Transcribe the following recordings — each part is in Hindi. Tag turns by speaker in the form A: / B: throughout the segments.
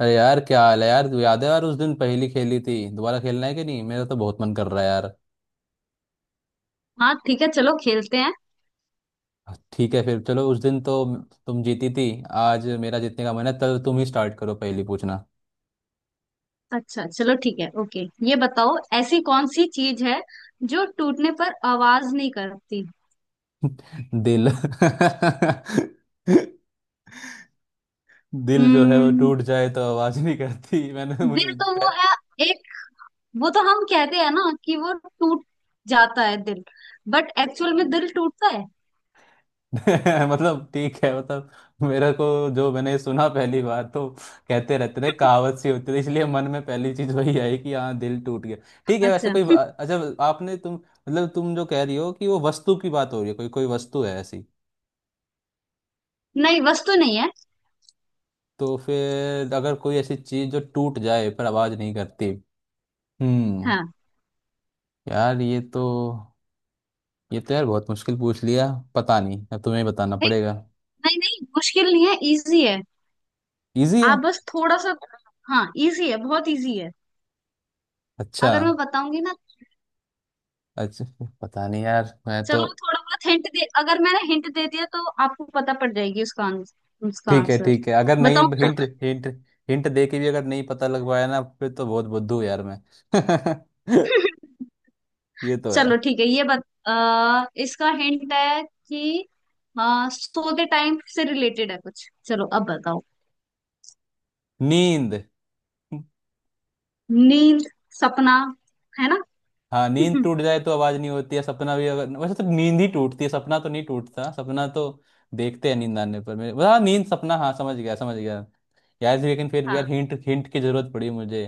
A: अरे यार क्या हाल है यार। तू याद है यार, उस दिन पहली खेली थी। दोबारा खेलना है कि नहीं? मेरा तो बहुत मन कर रहा है यार।
B: हाँ, ठीक है। चलो खेलते हैं।
A: ठीक है फिर चलो। उस दिन तो तुम जीती थी। आज मेरा जीतने का मन है तो तुम ही स्टार्ट करो, पहली पूछना।
B: अच्छा चलो ठीक है। ओके। ये बताओ, ऐसी कौन सी चीज है जो टूटने पर आवाज नहीं करती।
A: दिल। दिल जो है वो
B: हम्म।
A: टूट जाए तो आवाज नहीं करती। मैंने तो
B: दिल
A: मुझे।
B: तो वो है। एक, वो तो हम कहते हैं ना कि वो टूट जाता है दिल। बट एक्चुअल में दिल टूटता है।
A: मतलब ठीक है, मतलब मेरे को जो मैंने सुना पहली बार तो कहते रहते थे, कहावत सी होती थी, इसलिए मन में पहली चीज वही आई कि हाँ दिल टूट गया। ठीक है। वैसे
B: अच्छा।
A: कोई अच्छा, आपने तुम मतलब तुम जो कह रही हो कि वो वस्तु की बात हो रही है, कोई कोई वस्तु है ऐसी?
B: नहीं, वस्तु नहीं है।
A: तो फिर अगर कोई ऐसी चीज जो टूट जाए पर आवाज नहीं करती। हम्म।
B: हाँ।
A: यार ये तो, ये तो यार बहुत मुश्किल पूछ लिया। पता नहीं अब तुम्हें ही बताना
B: नहीं
A: पड़ेगा।
B: नहीं नहीं, मुश्किल नहीं है, इजी है।
A: इजी है?
B: आप बस थोड़ा सा। हाँ, इजी है, बहुत इजी है।
A: अच्छा।
B: अगर मैं बताऊंगी ना,
A: अच्छा। पता नहीं यार मैं
B: चलो
A: तो।
B: थोड़ा बहुत हिंट दे। अगर मैंने हिंट दे दिया तो आपको पता पड़ जाएगी उसका आंसर, उसका
A: ठीक है
B: आंसर
A: ठीक है, अगर नहीं
B: बताओ।
A: Hint hint. हिंट दे के भी अगर नहीं पता लग पाया ना, फिर तो बहुत बुद्धू यार मैं। ये तो है।
B: चलो ठीक है इसका हिंट है कि सोते टाइम से रिलेटेड है कुछ, चलो अब बताओ।
A: नींद।
B: नींद। सपना, है ना?
A: हाँ नींद टूट जाए तो आवाज नहीं होती है, सपना भी। अगर वैसे तो नींद ही टूटती है, सपना तो नहीं टूटता। सपना तो देखते हैं नींद आने पर मेरे। हाँ नींद सपना, हाँ समझ गया समझ गया। यार लेकिन फिर भी यार
B: हाँ।
A: हिंट हिंट की जरूरत पड़ी मुझे।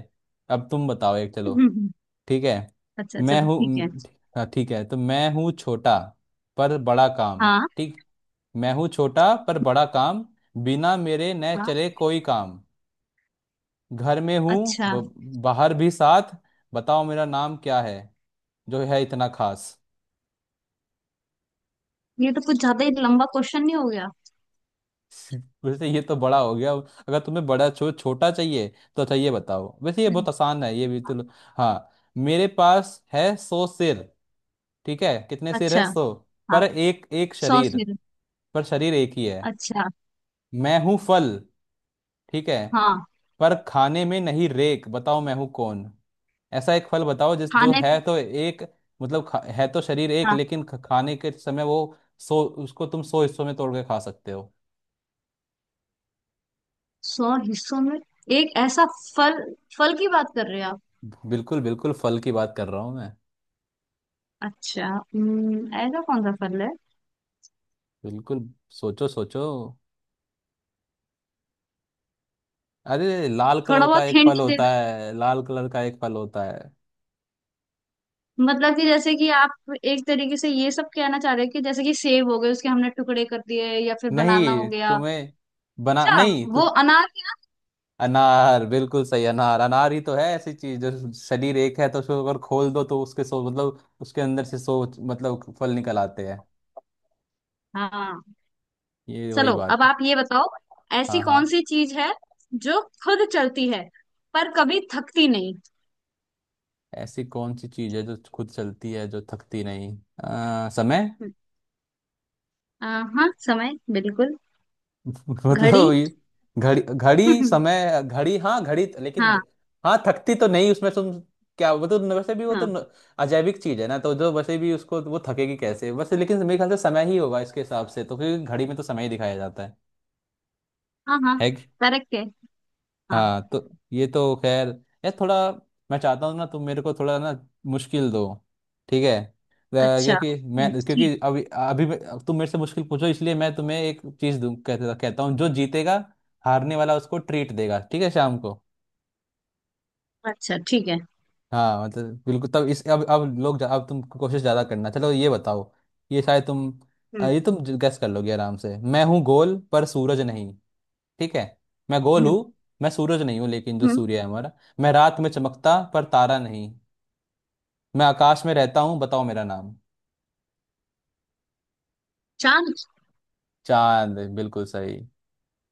A: अब तुम बताओ एक। चलो ठीक है।
B: अच्छा
A: मैं
B: चलो
A: हूँ
B: ठीक है।
A: हाँ, ठीक है। तो मैं हूँ छोटा पर बड़ा काम।
B: हाँ
A: ठीक। मैं हूँ छोटा पर बड़ा काम, बिना मेरे न
B: हाँ।
A: चले कोई काम, घर में हूँ
B: अच्छा,
A: ब- बाहर भी साथ। बताओ मेरा नाम क्या है, जो है इतना खास।
B: ये तो कुछ ज्यादा ही लंबा क्वेश्चन नहीं हो गया?
A: वैसे ये तो बड़ा हो गया, अगर तुम्हें बड़ा छोटा चाहिए तो। अच्छा ये बताओ, वैसे ये
B: हम्म।
A: बहुत आसान है ये भी तो। हाँ। मेरे पास है 100 सिर, ठीक है? कितने सिर है?
B: अच्छा।
A: 100।
B: हाँ।
A: पर एक एक
B: सौ
A: शरीर,
B: सिर।
A: पर शरीर एक ही है।
B: अच्छा।
A: मैं हूं फल, ठीक है,
B: हाँ।
A: पर खाने में नहीं रेक। बताओ मैं हूं कौन। ऐसा एक फल बताओ जिस जो
B: खाने।
A: है तो एक, मतलब है तो शरीर एक
B: हाँ।
A: लेकिन खाने के समय वो, सो उसको तुम 100 हिस्सों में तोड़ के खा सकते हो।
B: सौ हिस्सों में। एक ऐसा फल। फल की बात कर रहे हो आप?
A: बिल्कुल बिल्कुल फल की बात कर रहा हूँ।
B: अच्छा, ऐसा कौन सा फल है?
A: बिल्कुल। सोचो सोचो। अरे लाल
B: थोड़ा
A: कलर का
B: बहुत
A: एक
B: हिंट
A: फल
B: दे
A: होता
B: दो।
A: है, लाल कलर का एक फल होता है।
B: मतलब कि जैसे कि आप एक तरीके से ये सब कहना चाह रहे हो, कि जैसे कि सेब हो गए, उसके हमने टुकड़े कर दिए, या फिर बनाना हो
A: नहीं
B: गया।
A: तुम्हें, बना
B: अच्छा।
A: नहीं तो।
B: वो अनार है
A: अनार बिल्कुल सही। अनार अनार ही तो है, ऐसी चीज जो शरीर एक है, तो उसको अगर खोल दो तो उसके सो, मतलब उसके अंदर से सो, मतलब फल निकल आते हैं।
B: ना? हाँ।
A: ये वही
B: चलो
A: बात
B: अब
A: है।
B: आप ये बताओ, ऐसी
A: हाँ हाँ।
B: कौन सी चीज है जो खुद चलती है पर कभी थकती नहीं।
A: ऐसी कौन सी चीज है जो खुद चलती है, जो थकती नहीं? समय।
B: हम्म, आ, हाँ समय, बिल्कुल।
A: मतलब
B: घड़ी।
A: ये घड़ी। घड़ी समय घड़ी, हाँ घड़ी तो, लेकिन
B: हाँ।
A: हाँ थकती तो नहीं, उसमें तुम क्या, वो तो वैसे भी वो तो
B: हाँ।
A: अजैविक चीज है ना, तो जो वैसे भी उसको वो थकेगी कैसे? वैसे लेकिन मेरे ख्याल से समय ही होगा इसके हिसाब से, तो क्योंकि घड़ी में तो समय ही दिखाया जाता है
B: हाँ। हाँ,
A: है
B: करेक्ट है। हाँ।
A: हाँ तो ये तो खैर यार थोड़ा। मैं चाहता हूँ ना, तुम मेरे को थोड़ा ना मुश्किल दो, ठीक है,
B: अच्छा,
A: क्योंकि मैं,
B: ठीक।
A: क्योंकि अभी अभी तुम मेरे से मुश्किल पूछो, इसलिए मैं तुम्हें एक चीज दूं, कहता कहता हूँ, जो जीतेगा, हारने वाला उसको ट्रीट देगा, ठीक है, शाम को।
B: अच्छा ठीक है।
A: हाँ मतलब बिल्कुल। तब इस अब लोग अब तुम कोशिश ज़्यादा करना। चलो ये बताओ, ये शायद तुम,
B: हम्म।
A: ये तुम गैस कर लोगे आराम से। मैं हूँ गोल पर सूरज नहीं, ठीक है। मैं गोल
B: हम्म।
A: हूँ, मैं सूरज नहीं हूँ लेकिन जो
B: हम्म,
A: सूर्य है हमारा, मैं रात में चमकता पर तारा नहीं, मैं आकाश में रहता हूँ, बताओ मेरा नाम।
B: चांद।
A: चांद बिल्कुल सही।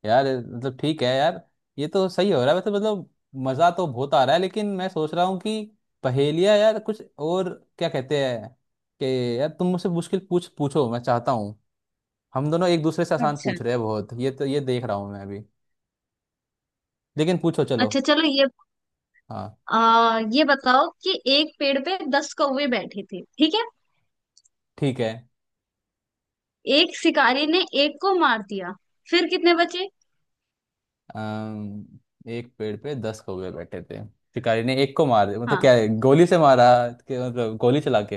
A: यार मतलब ठीक है यार, ये तो सही हो रहा है वैसे। मतलब मज़ा तो बहुत आ रहा है, लेकिन मैं सोच रहा हूँ कि पहेलियाँ यार कुछ और, क्या कहते हैं, कि यार तुम मुझसे मुश्किल पूछ पूछो। मैं चाहता हूँ, हम दोनों एक दूसरे से आसान
B: अच्छा।
A: पूछ रहे हैं बहुत, ये तो ये देख रहा हूँ मैं अभी। लेकिन पूछो चलो।
B: अच्छा चलो ये
A: हाँ।
B: ये बताओ कि एक पेड़ पे दस कौवे बैठे थे, ठीक है।
A: ठीक है।
B: एक शिकारी ने एक को मार दिया, फिर कितने बचे?
A: अम, एक पेड़ पे 10 कौवे बैठे थे। शिकारी ने एक को मार, मतलब
B: हाँ।
A: क्या है, गोली से मारा? कि मतलब गोली चला के?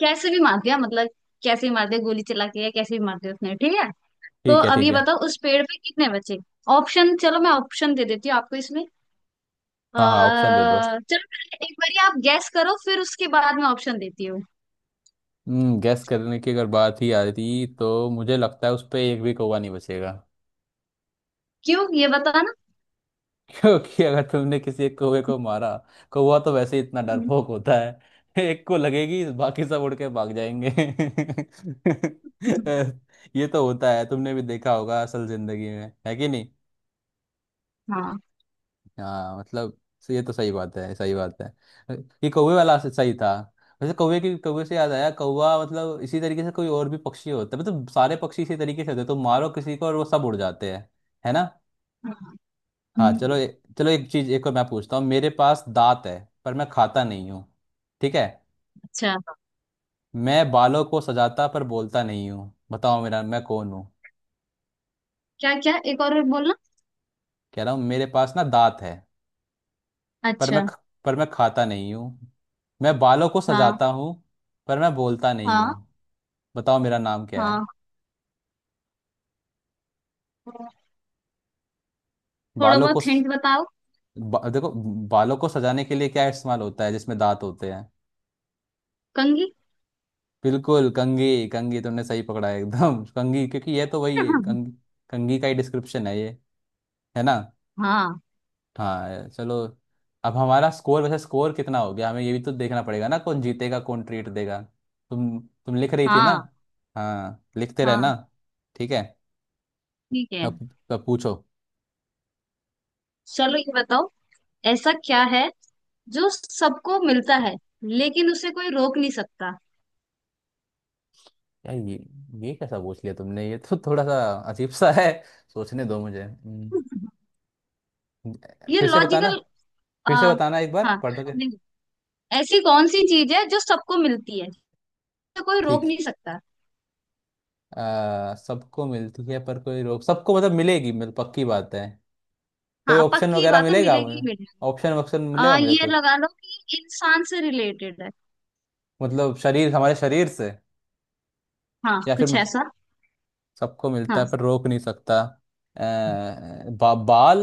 B: कैसे भी मार दिया मतलब, कैसे भी मार दिया गोली चला के या कैसे भी मार दिया उसने, ठीक है। तो
A: ठीक है
B: अब
A: ठीक
B: ये
A: है।
B: बताओ उस पेड़ पे कितने बचे? ऑप्शन, चलो मैं ऑप्शन दे देती हूँ आपको इसमें।
A: हाँ हाँ ऑप्शन दे दो।
B: चलो पहले एक बार आप गैस करो फिर उसके बाद में ऑप्शन देती हूँ।
A: गैस करने की अगर बात ही आती तो मुझे लगता है उस पे एक भी कौवा नहीं बचेगा।
B: क्यों, ये बताना।
A: क्योंकि अगर तुमने किसी एक कौवे को मारा, कौवा तो वैसे ही इतना डरपोक होता है एक को लगेगी, बाकी सब उड़ के भाग जाएंगे। ये तो होता है, तुमने भी देखा होगा असल जिंदगी में, है कि
B: हाँ।
A: हाँ, मतलब ये तो सही बात है, सही बात है। ये कौवे वाला सही था। वैसे कौवे की, कौवे से याद आया, कौवा मतलब इसी तरीके से कोई और भी पक्षी होता है, मतलब सारे पक्षी इसी तरीके से होते हैं, तो मारो किसी को और वो सब उड़ जाते हैं, है ना।
B: हाँ,
A: हाँ चलो
B: हम्म,
A: चलो एक चीज एक और मैं पूछता हूँ। मेरे पास दांत है पर मैं खाता नहीं हूँ, ठीक है।
B: अच्छा।
A: मैं बालों को सजाता पर बोलता नहीं हूँ, बताओ मेरा, मैं कौन हूँ।
B: क्या क्या, एक और बोलना।
A: कह रहा हूँ मेरे पास ना दांत है, पर मैं
B: अच्छा।
A: पर मैं खाता नहीं हूँ। मैं बालों को
B: हाँ।
A: सजाता हूँ पर मैं बोलता नहीं
B: हाँ।
A: हूँ, बताओ मेरा नाम क्या है।
B: हाँ, थोड़ा
A: बालों को
B: बहुत हिंट बताओ।
A: देखो, बालों को सजाने के लिए क्या इस्तेमाल होता है जिसमें दांत होते हैं?
B: कंघी।
A: बिल्कुल कंघी। कंघी तुमने सही पकड़ा है एकदम। कंघी, क्योंकि ये तो वही है। कंघी कंघी का ही डिस्क्रिप्शन है ये, है ना।
B: हाँ
A: हाँ चलो। अब हमारा स्कोर, वैसे स्कोर कितना हो गया, हमें ये भी तो देखना पड़ेगा ना, कौन जीतेगा कौन ट्रीट देगा। तुम तुम लिख रही थी ना?
B: हाँ।
A: हाँ लिखते
B: हाँ
A: रहना, ठीक है।
B: ठीक है।
A: अब, पूछो।
B: चलो ये बताओ, ऐसा क्या है जो सबको मिलता है लेकिन उसे कोई रोक नहीं सकता?
A: यार ये कैसा पूछ लिया तुमने, ये तो थोड़ा सा अजीब सा है, सोचने दो मुझे।
B: ये
A: फिर से बताना,
B: लॉजिकल।
A: फिर से
B: आ,
A: बताना एक बार
B: हाँ।
A: पढ़ के।
B: नहीं। ऐसी कौन सी चीज है जो सबको मिलती है, जिसे कोई रोक
A: ठीक।
B: नहीं सकता?
A: सबको मिलती है पर कोई रोक, सबको मतलब मिलेगी, मतलब पक्की बात है, कोई
B: हाँ,
A: ऑप्शन
B: पक्की
A: वगैरह
B: बात है,
A: मिलेगा
B: मिलेगी
A: मुझे?
B: ही मिलेगी।
A: ऑप्शन वक्शन मिलेगा मुझे
B: ये
A: कोई?
B: लगा लो कि इंसान से रिलेटेड है।
A: मतलब शरीर, हमारे शरीर से,
B: हाँ,
A: या फिर
B: कुछ
A: मतलब
B: ऐसा।
A: सबको मिलता
B: हाँ।
A: है पर रोक नहीं सकता। अ, बाल।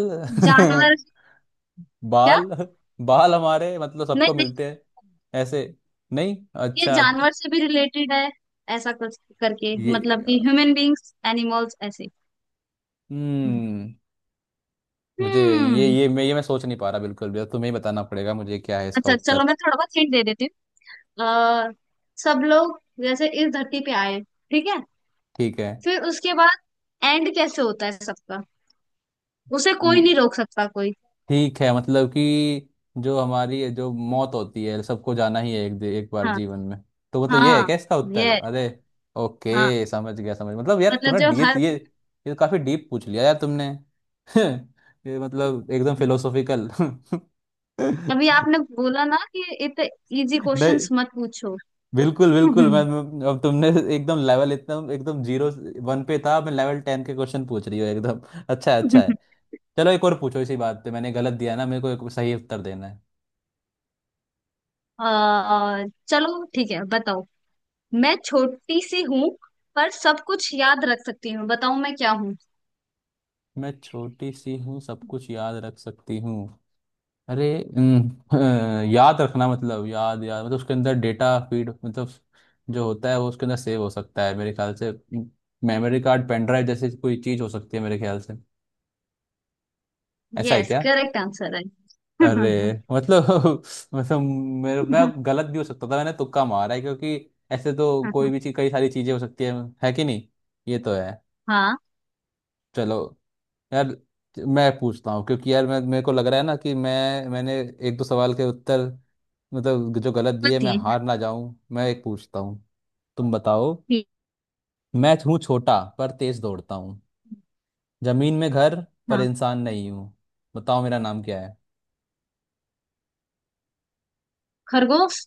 B: जानवर। क्या?
A: बाल, बाल हमारे मतलब
B: नहीं
A: सबको
B: नहीं,
A: मिलते हैं ऐसे? नहीं।
B: ये
A: अच्छा।
B: जानवर से भी रिलेटेड है। ऐसा कुछ करके, मतलब
A: ये,
B: कि ह्यूमन बींग्स, एनिमल्स, ऐसे।
A: हम्म मुझे ये
B: हम्म।
A: ये मैं सोच नहीं पा रहा बिल्कुल भी, तो तुम्हें ही बताना पड़ेगा मुझे क्या है इसका
B: अच्छा चलो
A: उत्तर।
B: मैं थोड़ा बहुत हिंट दे देती हूँ। सब लोग जैसे इस धरती पे आए, ठीक है।
A: ठीक
B: फिर उसके बाद एंड कैसे होता है सबका? उसे
A: है।
B: कोई नहीं रोक सकता, कोई।
A: ठीक है, मतलब कि जो हमारी, जो मौत होती है, सबको जाना ही है, एक एक बार
B: हाँ।
A: जीवन में, तो मतलब ये है
B: हाँ।
A: क्या इसका उत्तर?
B: ये।
A: अरे।
B: हाँ,
A: ओके समझ गया समझ, मतलब यार
B: मतलब
A: तुमने
B: जो
A: डी
B: हर।
A: ये काफी डीप पूछ लिया यार तुमने। ये मतलब एकदम फिलोसॉफिकल।
B: अभी
A: नहीं
B: आपने बोला ना कि इतने इजी क्वेश्चंस मत पूछो।
A: बिल्कुल बिल्कुल मैं अब तुमने एकदम लेवल, एकदम एकदम जीरो वन पे था मैं, लेवल 10 के क्वेश्चन पूछ रही हूँ एकदम। अच्छा है, अच्छा है। चलो एक और पूछो, इसी बात पे मैंने गलत दिया ना, मेरे को एक सही उत्तर देना है।
B: चलो ठीक है बताओ। मैं छोटी सी हूँ पर सब कुछ याद रख सकती हूँ, बताओ मैं क्या हूँ?
A: मैं छोटी सी हूँ, सब कुछ याद रख सकती हूँ। अरे। अम, अ, याद रखना मतलब याद, याद मतलब उसके अंदर डेटा फीड, मतलब जो होता है वो उसके अंदर सेव हो सकता है मेरे ख्याल से। मेमोरी कार्ड, पेन ड्राइव जैसी कोई चीज हो सकती है मेरे ख्याल से, ऐसा है
B: यस,
A: क्या?
B: करेक्ट आंसर है।
A: अरे मतलब। मतलब मेरे, मैं गलत भी हो सकता था, मैंने तुक्का मारा है, क्योंकि ऐसे तो कोई भी चीज, कई सारी चीजें हो सकती है कि नहीं, ये तो है।
B: हाँ।
A: चलो यार मैं पूछता हूँ, क्योंकि यार मैं, मेरे को लग रहा है ना कि मैं, मैंने एक दो सवाल के उत्तर मतलब जो गलत दिए, मैं
B: बताइए।
A: हार ना जाऊं, मैं एक पूछता हूँ। तुम बताओ।
B: ठीक।
A: मैं हूँ छोटा पर तेज दौड़ता हूँ, जमीन में घर पर
B: हाँ।
A: इंसान नहीं हूँ, बताओ मेरा नाम क्या है।
B: खरगोश।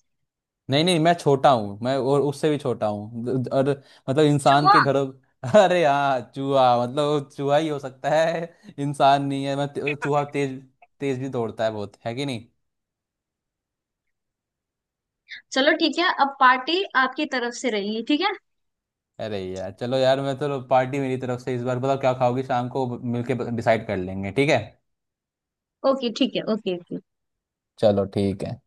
A: नहीं नहीं, मैं छोटा हूँ, मैं और उससे भी छोटा हूँ, और मतलब इंसान के
B: चूहा।
A: घरों। अरे हाँ चूहा, मतलब वो चूहा ही हो सकता है, इंसान नहीं है मैं, चूहा तेज, तेज भी दौड़ता है बहुत, है कि नहीं।
B: चलो ठीक है, अब पार्टी आपकी तरफ से रहेगी, ठीक है।
A: अरे यार चलो यार, मैं तो पार्टी मेरी तरफ से इस बार, बताओ क्या खाओगी शाम को, मिलके डिसाइड कर लेंगे, ठीक है।
B: ओके ठीक है, ओके ओके।
A: चलो ठीक है।